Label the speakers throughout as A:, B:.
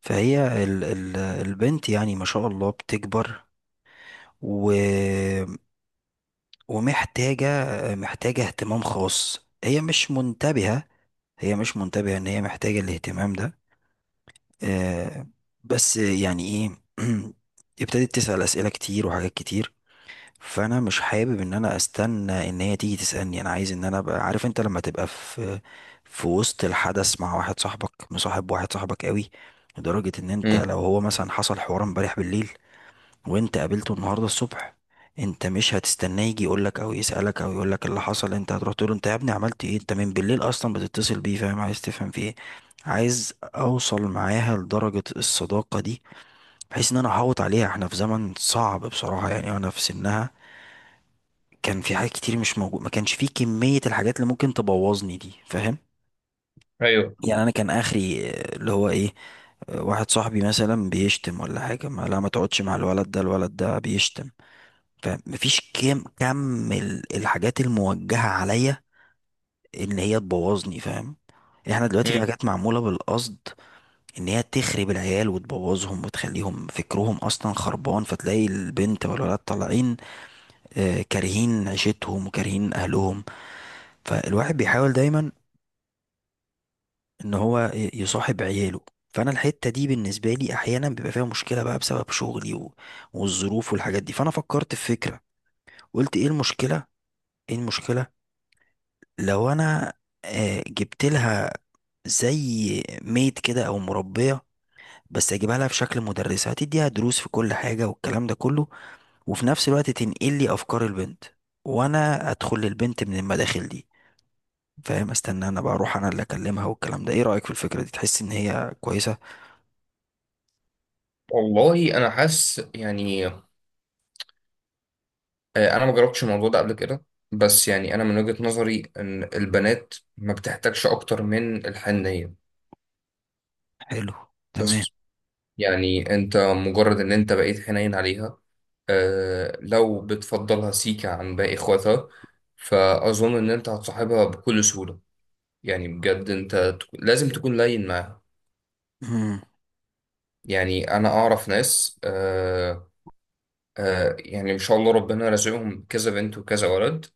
A: فهي ال البنت يعني ما شاء الله بتكبر و ومحتاجة. محتاجة اهتمام خاص. هي مش منتبهة. هي مش منتبهة ان هي محتاجة الاهتمام ده. آه، بس يعني ايه ابتدت تسأل أسئلة كتير وحاجات كتير. فانا مش حابب ان انا استنى ان هي تيجي تسألني. انا عايز ان انا ابقى عارف. انت لما تبقى في وسط الحدث مع واحد صاحبك، مصاحب واحد صاحبك قوي لدرجة ان انت
B: امم
A: لو هو مثلا حصل حوار امبارح بالليل وانت قابلته النهارده الصبح، انت مش هتستناه يجي يقولك او يسألك او يقولك إيه اللي حصل. انت هتروح تقول له انت يا ابني عملت ايه، انت من بالليل اصلا بتتصل بيه، فاهم؟ عايز تفهم في ايه. عايز اوصل معاها لدرجة الصداقة دي بحيث ان انا احوط عليها. احنا في زمن صعب بصراحة. يعني انا في سنها كان في حاجات كتير مش موجود، ما كانش فيه كمية الحاجات اللي ممكن تبوظني دي، فاهم؟
B: ايوه
A: يعني انا كان اخري آه، اللي هو ايه، آه، واحد صاحبي مثلا بيشتم ولا حاجة، ما لا ما تقعدش مع الولد ده، الولد ده بيشتم. فمفيش الحاجات الموجهة عليا ان هي تبوظني، فاهم؟ احنا دلوقتي في
B: امم
A: حاجات معمولة بالقصد ان هي تخرب العيال وتبوظهم وتخليهم فكرهم اصلا خربان. فتلاقي البنت والولد طالعين آه، كارهين عيشتهم وكارهين اهلهم. فالواحد بيحاول دايما ان هو يصاحب عياله. فانا الحتة دي بالنسبة لي احيانا بيبقى فيها مشكلة بقى بسبب شغلي والظروف والحاجات دي. فانا فكرت في فكرة. قلت ايه المشكلة، ايه المشكلة لو انا آه، جبت لها زي ميت كده او مربيه، بس اجيبها لها في شكل مدرسه هتديها دروس في كل حاجه والكلام ده كله، وفي نفس الوقت تنقل لي افكار البنت وانا ادخل للبنت من المداخل دي، فاهم؟ استنى انا بقى اروح انا اللي اكلمها والكلام ده. ايه رايك في الفكره دي؟ تحس ان هي كويسه؟
B: والله انا حاسس يعني انا ما جربتش الموضوع ده قبل كده. بس يعني انا من وجهة نظري ان البنات ما بتحتاجش اكتر من الحنية.
A: حلو. تمام.
B: بس يعني انت مجرد ان انت بقيت حنين عليها، آه، لو بتفضلها سيكا عن باقي اخواتها، فاظن ان انت هتصاحبها بكل سهولة. يعني بجد انت لازم تكون لين معاها.
A: امم.
B: يعني انا اعرف ناس. يعني ان شاء الله ربنا رزقهم كذا بنت وكذا ولد،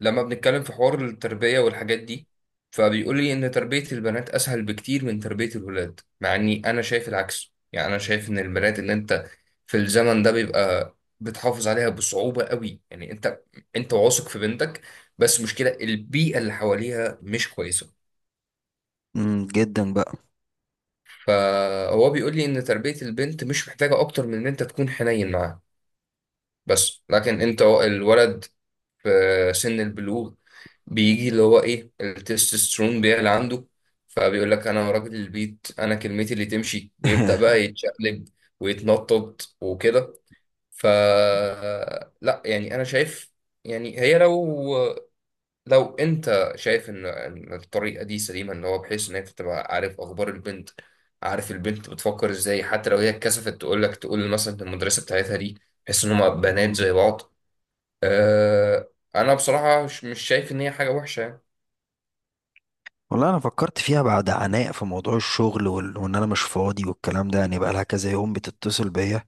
B: لما بنتكلم في حوار التربية والحاجات دي فبيقول لي ان تربية البنات اسهل بكتير من تربية الولاد، مع اني انا شايف العكس. يعني انا شايف ان البنات اللي انت في الزمن ده بيبقى بتحافظ عليها بصعوبة قوي. يعني انت واثق في بنتك، بس مشكلة البيئة اللي حواليها مش كويسة.
A: أمم، جدا بقى.
B: فهو بيقول لي ان تربية البنت مش محتاجة اكتر من ان انت تكون حنين معاها، بس لكن انت الولد في سن البلوغ بيجي اللي هو ايه التستوستيرون بيعلى عنده، فبيقول لك انا راجل البيت، انا كلمتي اللي تمشي، ويبدأ بقى يتشقلب ويتنطط وكده. ف لا يعني انا شايف، يعني هي لو لو انت شايف ان الطريقة دي سليمة، ان هو بحيث ان انت تبقى عارف اخبار البنت، عارف البنت بتفكر ازاي، حتى لو هي اتكسفت تقول لك، تقول مثلا للمدرسة بتاعتها دي، بحيث ان هم بنات
A: مم.
B: زي بعض. أه، انا بصراحه مش شايف ان هي حاجه وحشه يعني.
A: والله انا فكرت فيها بعد عناء في موضوع الشغل وان انا مش فاضي والكلام ده. يعني بقى لها كذا يوم بتتصل بيا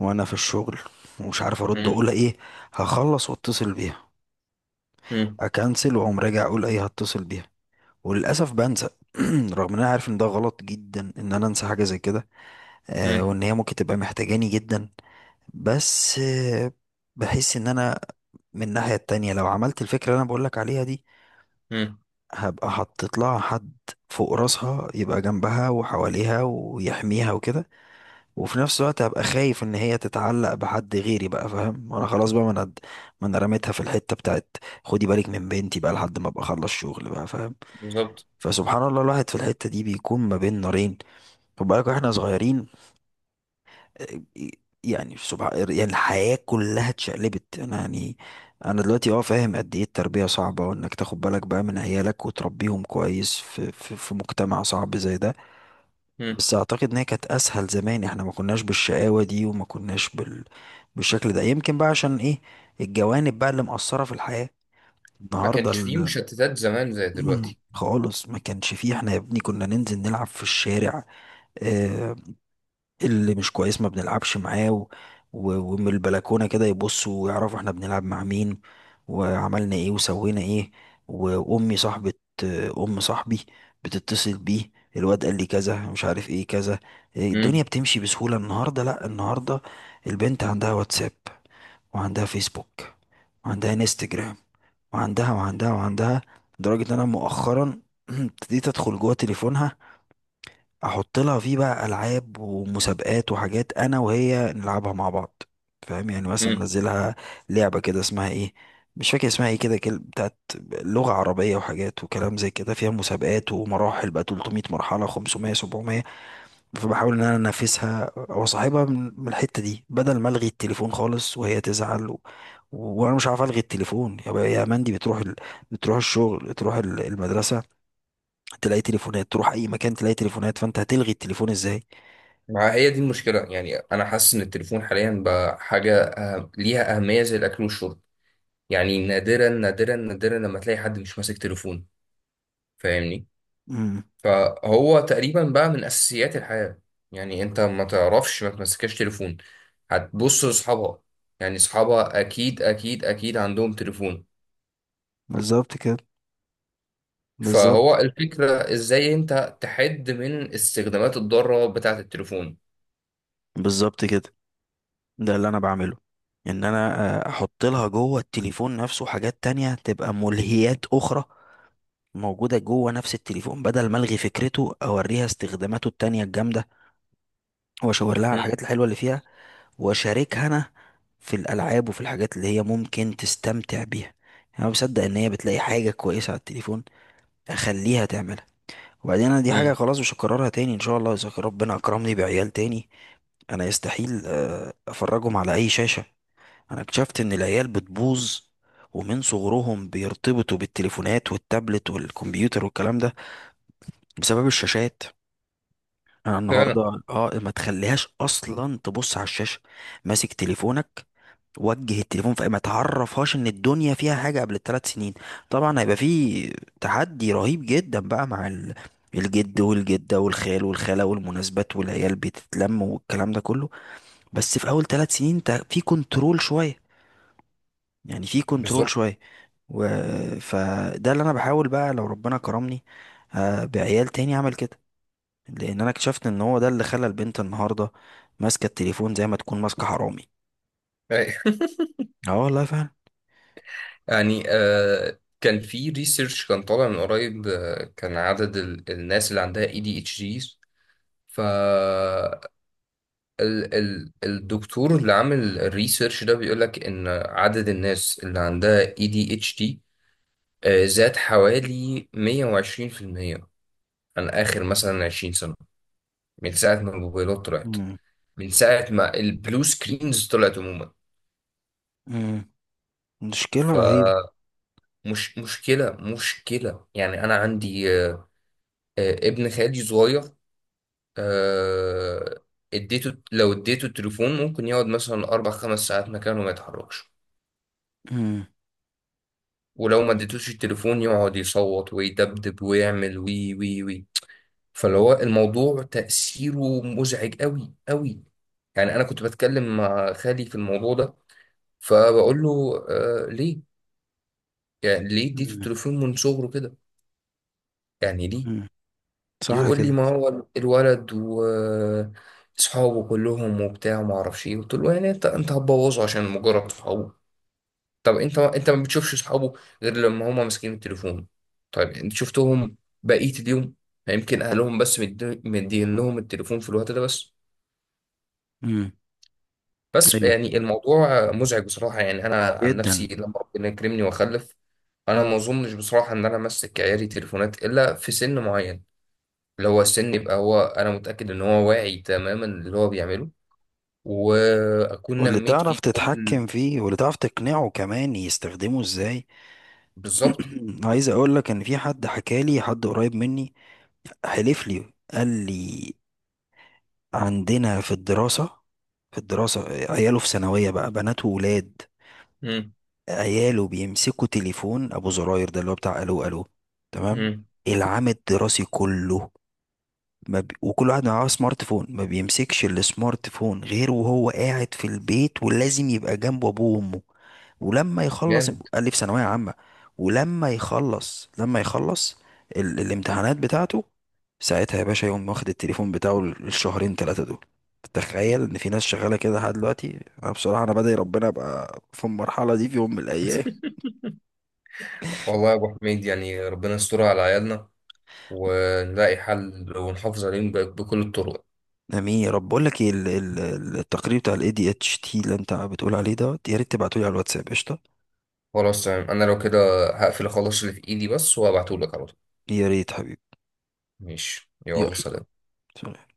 A: وانا في الشغل ومش عارف ارد
B: مم.
A: اقول ايه. هخلص واتصل بيها،
B: مم.
A: اكنسل واقوم راجع اقول ايه هتصل بيها، وللاسف بنسى. رغم ان انا عارف ان ده غلط جدا ان انا انسى حاجه زي كده آه،
B: مم.
A: وان هي ممكن تبقى محتاجاني جدا. بس آه بحس ان انا من الناحيه التانية لو عملت الفكره اللي انا بقولك عليها دي،
B: مم.
A: هبقى حطيت لها حد فوق راسها يبقى جنبها وحواليها ويحميها وكده. وفي نفس الوقت هبقى خايف ان هي تتعلق بحد غيري بقى، فاهم؟ انا خلاص بقى، ما انا رميتها في الحته بتاعت خدي بالك من بنتي بقى لحد ما ابقى اخلص شغل بقى، فاهم؟
B: بالظبط.
A: فسبحان الله الواحد في الحته دي بيكون ما بين نارين. خد بالك، واحنا صغيرين آه، يعني سبحان، يعني الحياه كلها اتشقلبت. انا يعني انا دلوقتي اه فاهم قد ايه التربيه صعبه، وانك تاخد بالك بقى من عيالك وتربيهم كويس في في مجتمع صعب زي ده.
B: مم.
A: بس اعتقد ان هي كانت اسهل زمان. احنا ما كناش بالشقاوة دي، وما كناش بالشكل ده. يمكن بقى عشان ايه؟ الجوانب بقى اللي مأثرة في الحياة
B: ما
A: النهاردة
B: كانش فيه مشتتات زمان زي دلوقتي.
A: خالص ما كانش فيه. احنا يا ابني كنا ننزل نلعب في الشارع آه، اللي مش كويس ما بنلعبش معاه، ومن البلكونة كده يبصوا ويعرفوا احنا بنلعب مع مين وعملنا ايه وسوينا ايه. وأمي صاحبة أم صاحبي بتتصل بيه، الواد قال لي كذا مش عارف ايه كذا. إيه، الدنيا
B: مم.
A: بتمشي بسهولة. النهاردة لأ، النهاردة البنت عندها واتساب وعندها فيسبوك وعندها انستجرام، وعندها وعندها وعندها، لدرجة ان انا مؤخرا ابتديت ادخل جوه تليفونها، احط لها فيه بقى العاب ومسابقات وحاجات انا وهي نلعبها مع بعض، فاهم؟ يعني مثلا
B: مم.
A: منزلها لعبه كده اسمها ايه، مش فاكر اسمها ايه كده، بتاعت لغه عربيه وحاجات وكلام زي كده، فيها مسابقات ومراحل بقى 300 مرحله، 500، 700. فبحاول ان انا انافسها واصاحبها من الحته دي بدل ما الغي التليفون خالص وهي تزعل وانا مش عارف الغي التليفون. يا مندي، بتروح بتروح الشغل، تروح المدرسه، تلاقي تليفونات، تروح اي مكان تلاقي تليفونات، فانت هتلغي التليفون ازاي؟
B: ما هي دي المشكله، يعني انا حاسس ان التليفون حاليا بقى حاجه، أه، ليها اهميه زي الاكل والشرب. يعني نادرا نادرا نادرا لما تلاقي حد مش ماسك تليفون، فاهمني؟
A: امم.
B: فهو تقريبا بقى من اساسيات الحياه، يعني انت ما تعرفش ما تمسكش تليفون. هتبص لاصحابها، يعني اصحابها اكيد اكيد اكيد عندهم تليفون.
A: بالظبط كده.
B: فهو
A: بالظبط.
B: الفكره ازاي انت تحد من استخدامات الضاره بتاعه التليفون.
A: بالظبط كده. ده اللي انا بعمله، ان انا آه، احط لها جوه التليفون نفسه حاجات تانية تبقى ملهيات اخرى موجودة جوه نفس التليفون، بدل ما الغي فكرته اوريها استخداماته التانية الجامدة، واشاور لها على
B: مم.
A: الحاجات الحلوة اللي فيها، واشاركها انا في الالعاب وفي الحاجات اللي هي ممكن تستمتع بيها. يعني انا بصدق ان هي بتلاقي حاجة كويسة على التليفون اخليها تعملها. وبعدين انا دي حاجة
B: مم.
A: خلاص مش هكررها تاني ان شاء الله. اذا ربنا اكرمني بعيال تاني، انا يستحيل آه، افرجهم على اي شاشة. انا اكتشفت ان العيال بتبوظ ومن صغرهم بيرتبطوا بالتليفونات والتابلت والكمبيوتر والكلام ده بسبب الشاشات. انا
B: فعلا.
A: النهارده اه ما تخليهاش اصلا تبص على الشاشة. ماسك تليفونك، وجه التليفون في، ما تعرفهاش ان الدنيا فيها حاجة قبل الثلاث سنين. طبعا هيبقى فيه تحدي رهيب جدا بقى مع الجد والجدة والخال والخالة والمناسبات والعيال بتتلم والكلام ده كله. بس في اول ثلاث سنين انت في كنترول شويه، يعني في كنترول
B: بالظبط.
A: شويه. و... فده اللي انا بحاول بقى لو ربنا كرمني آه، بعيال تاني اعمل كده. لان انا اكتشفت ان هو ده اللي خلى البنت النهارده ماسكه التليفون زي ما تكون ماسكه حرامي.
B: أي.
A: اه والله فعلا.
B: يعني آه كان في ريسيرش كان طالع من قريب، آه، كان عدد الناس اللي عندها اي دي اتش ديز، ال ال الدكتور اللي عامل الريسيرش ده بيقولك إن عدد الناس اللي عندها ADHD زاد حوالي 120% عن آخر مثلا 20 سنة، من ساعة ما الموبايلات طلعت،
A: مم.
B: من ساعة ما البلو سكرينز طلعت عموما.
A: مم. مشكله رهيبه.
B: فمش مشكلة يعني أنا عندي، ابن خالي صغير، آه، اديته، لو اديته التليفون ممكن يقعد مثلا أربع خمس ساعات مكانه ما يتحركش.
A: مم.
B: ولو ما
A: مم.
B: اديتوش التليفون يقعد يصوت ويدبدب ويعمل وي وي وي. فاللي هو الموضوع تأثيره مزعج قوي قوي. يعني انا كنت بتكلم مع خالي في الموضوع ده، فبقول له آه ليه، يعني ليه اديته
A: مم.
B: التليفون من صغره كده؟ يعني ليه؟
A: مم. صح
B: يقول لي
A: كده.
B: ما هو الولد واصحابه كلهم وبتاع وما اعرفش ايه. قلت له يعني انت هتبوظه عشان مجرد صحابه؟ طب انت ما بتشوفش اصحابه غير لما هما ماسكين التليفون. طيب انت شفتهم بقية اليوم؟ يعني يمكن اهلهم بس مدين لهم التليفون في الوقت ده بس.
A: مم.
B: بس
A: ايوه.
B: يعني الموضوع مزعج بصراحة، يعني انا عن نفسي
A: جدا.
B: لما ربنا يكرمني واخلف، انا ما اظنش بصراحة ان انا امسك عيالي تليفونات الا في سن معين، اللي هو السن يبقى هو انا متأكد ان هو واعي تماما اللي هو بيعمله، واكون
A: واللي
B: نميت
A: تعرف
B: فيه كل.
A: تتحكم فيه، واللي تعرف تقنعه كمان يستخدمه ازاي.
B: بالظبط.
A: عايز اقول لك ان في حد حكى لي، حد قريب مني، حلف لي قال لي: عندنا في الدراسة، في الدراسة عياله في ثانوية بقى، بنات وولاد،
B: امم.
A: عياله بيمسكوا تليفون ابو زراير ده اللي هو بتاع الو الو. تمام.
B: امم.
A: العام الدراسي كله ما بي... وكل واحد معاه سمارت فون ما بيمسكش السمارت فون غير وهو قاعد في البيت، ولازم يبقى جنبه ابوه وامه. ولما يخلص،
B: جامد.
A: قال لي في ثانوية عامة. ولما يخلص لما يخلص الامتحانات بتاعته، ساعتها يا باشا يقوم واخد التليفون بتاعه الشهرين ثلاثة دول. تخيل ان في ناس شغالة كده لحد دلوقتي. انا بصراحة انا بدعي ربنا ابقى في المرحلة دي في يوم من الايام.
B: والله يا ابو حميد، يعني ربنا يستر على عيالنا، ونلاقي حل ونحافظ عليهم بكل الطرق.
A: امين يا رب. بقول لك ايه التقرير بتاع الاي دي اتش تي اللي انت بتقول عليه ده، يا ريت تبعته لي على الواتساب. قشطة.
B: خلاص تمام، انا لو كده هقفل اخلص اللي في ايدي بس وهبعتهولك على طول.
A: يا ريت حبيبي.
B: ماشي، يلا
A: يلا
B: سلام.
A: سلام.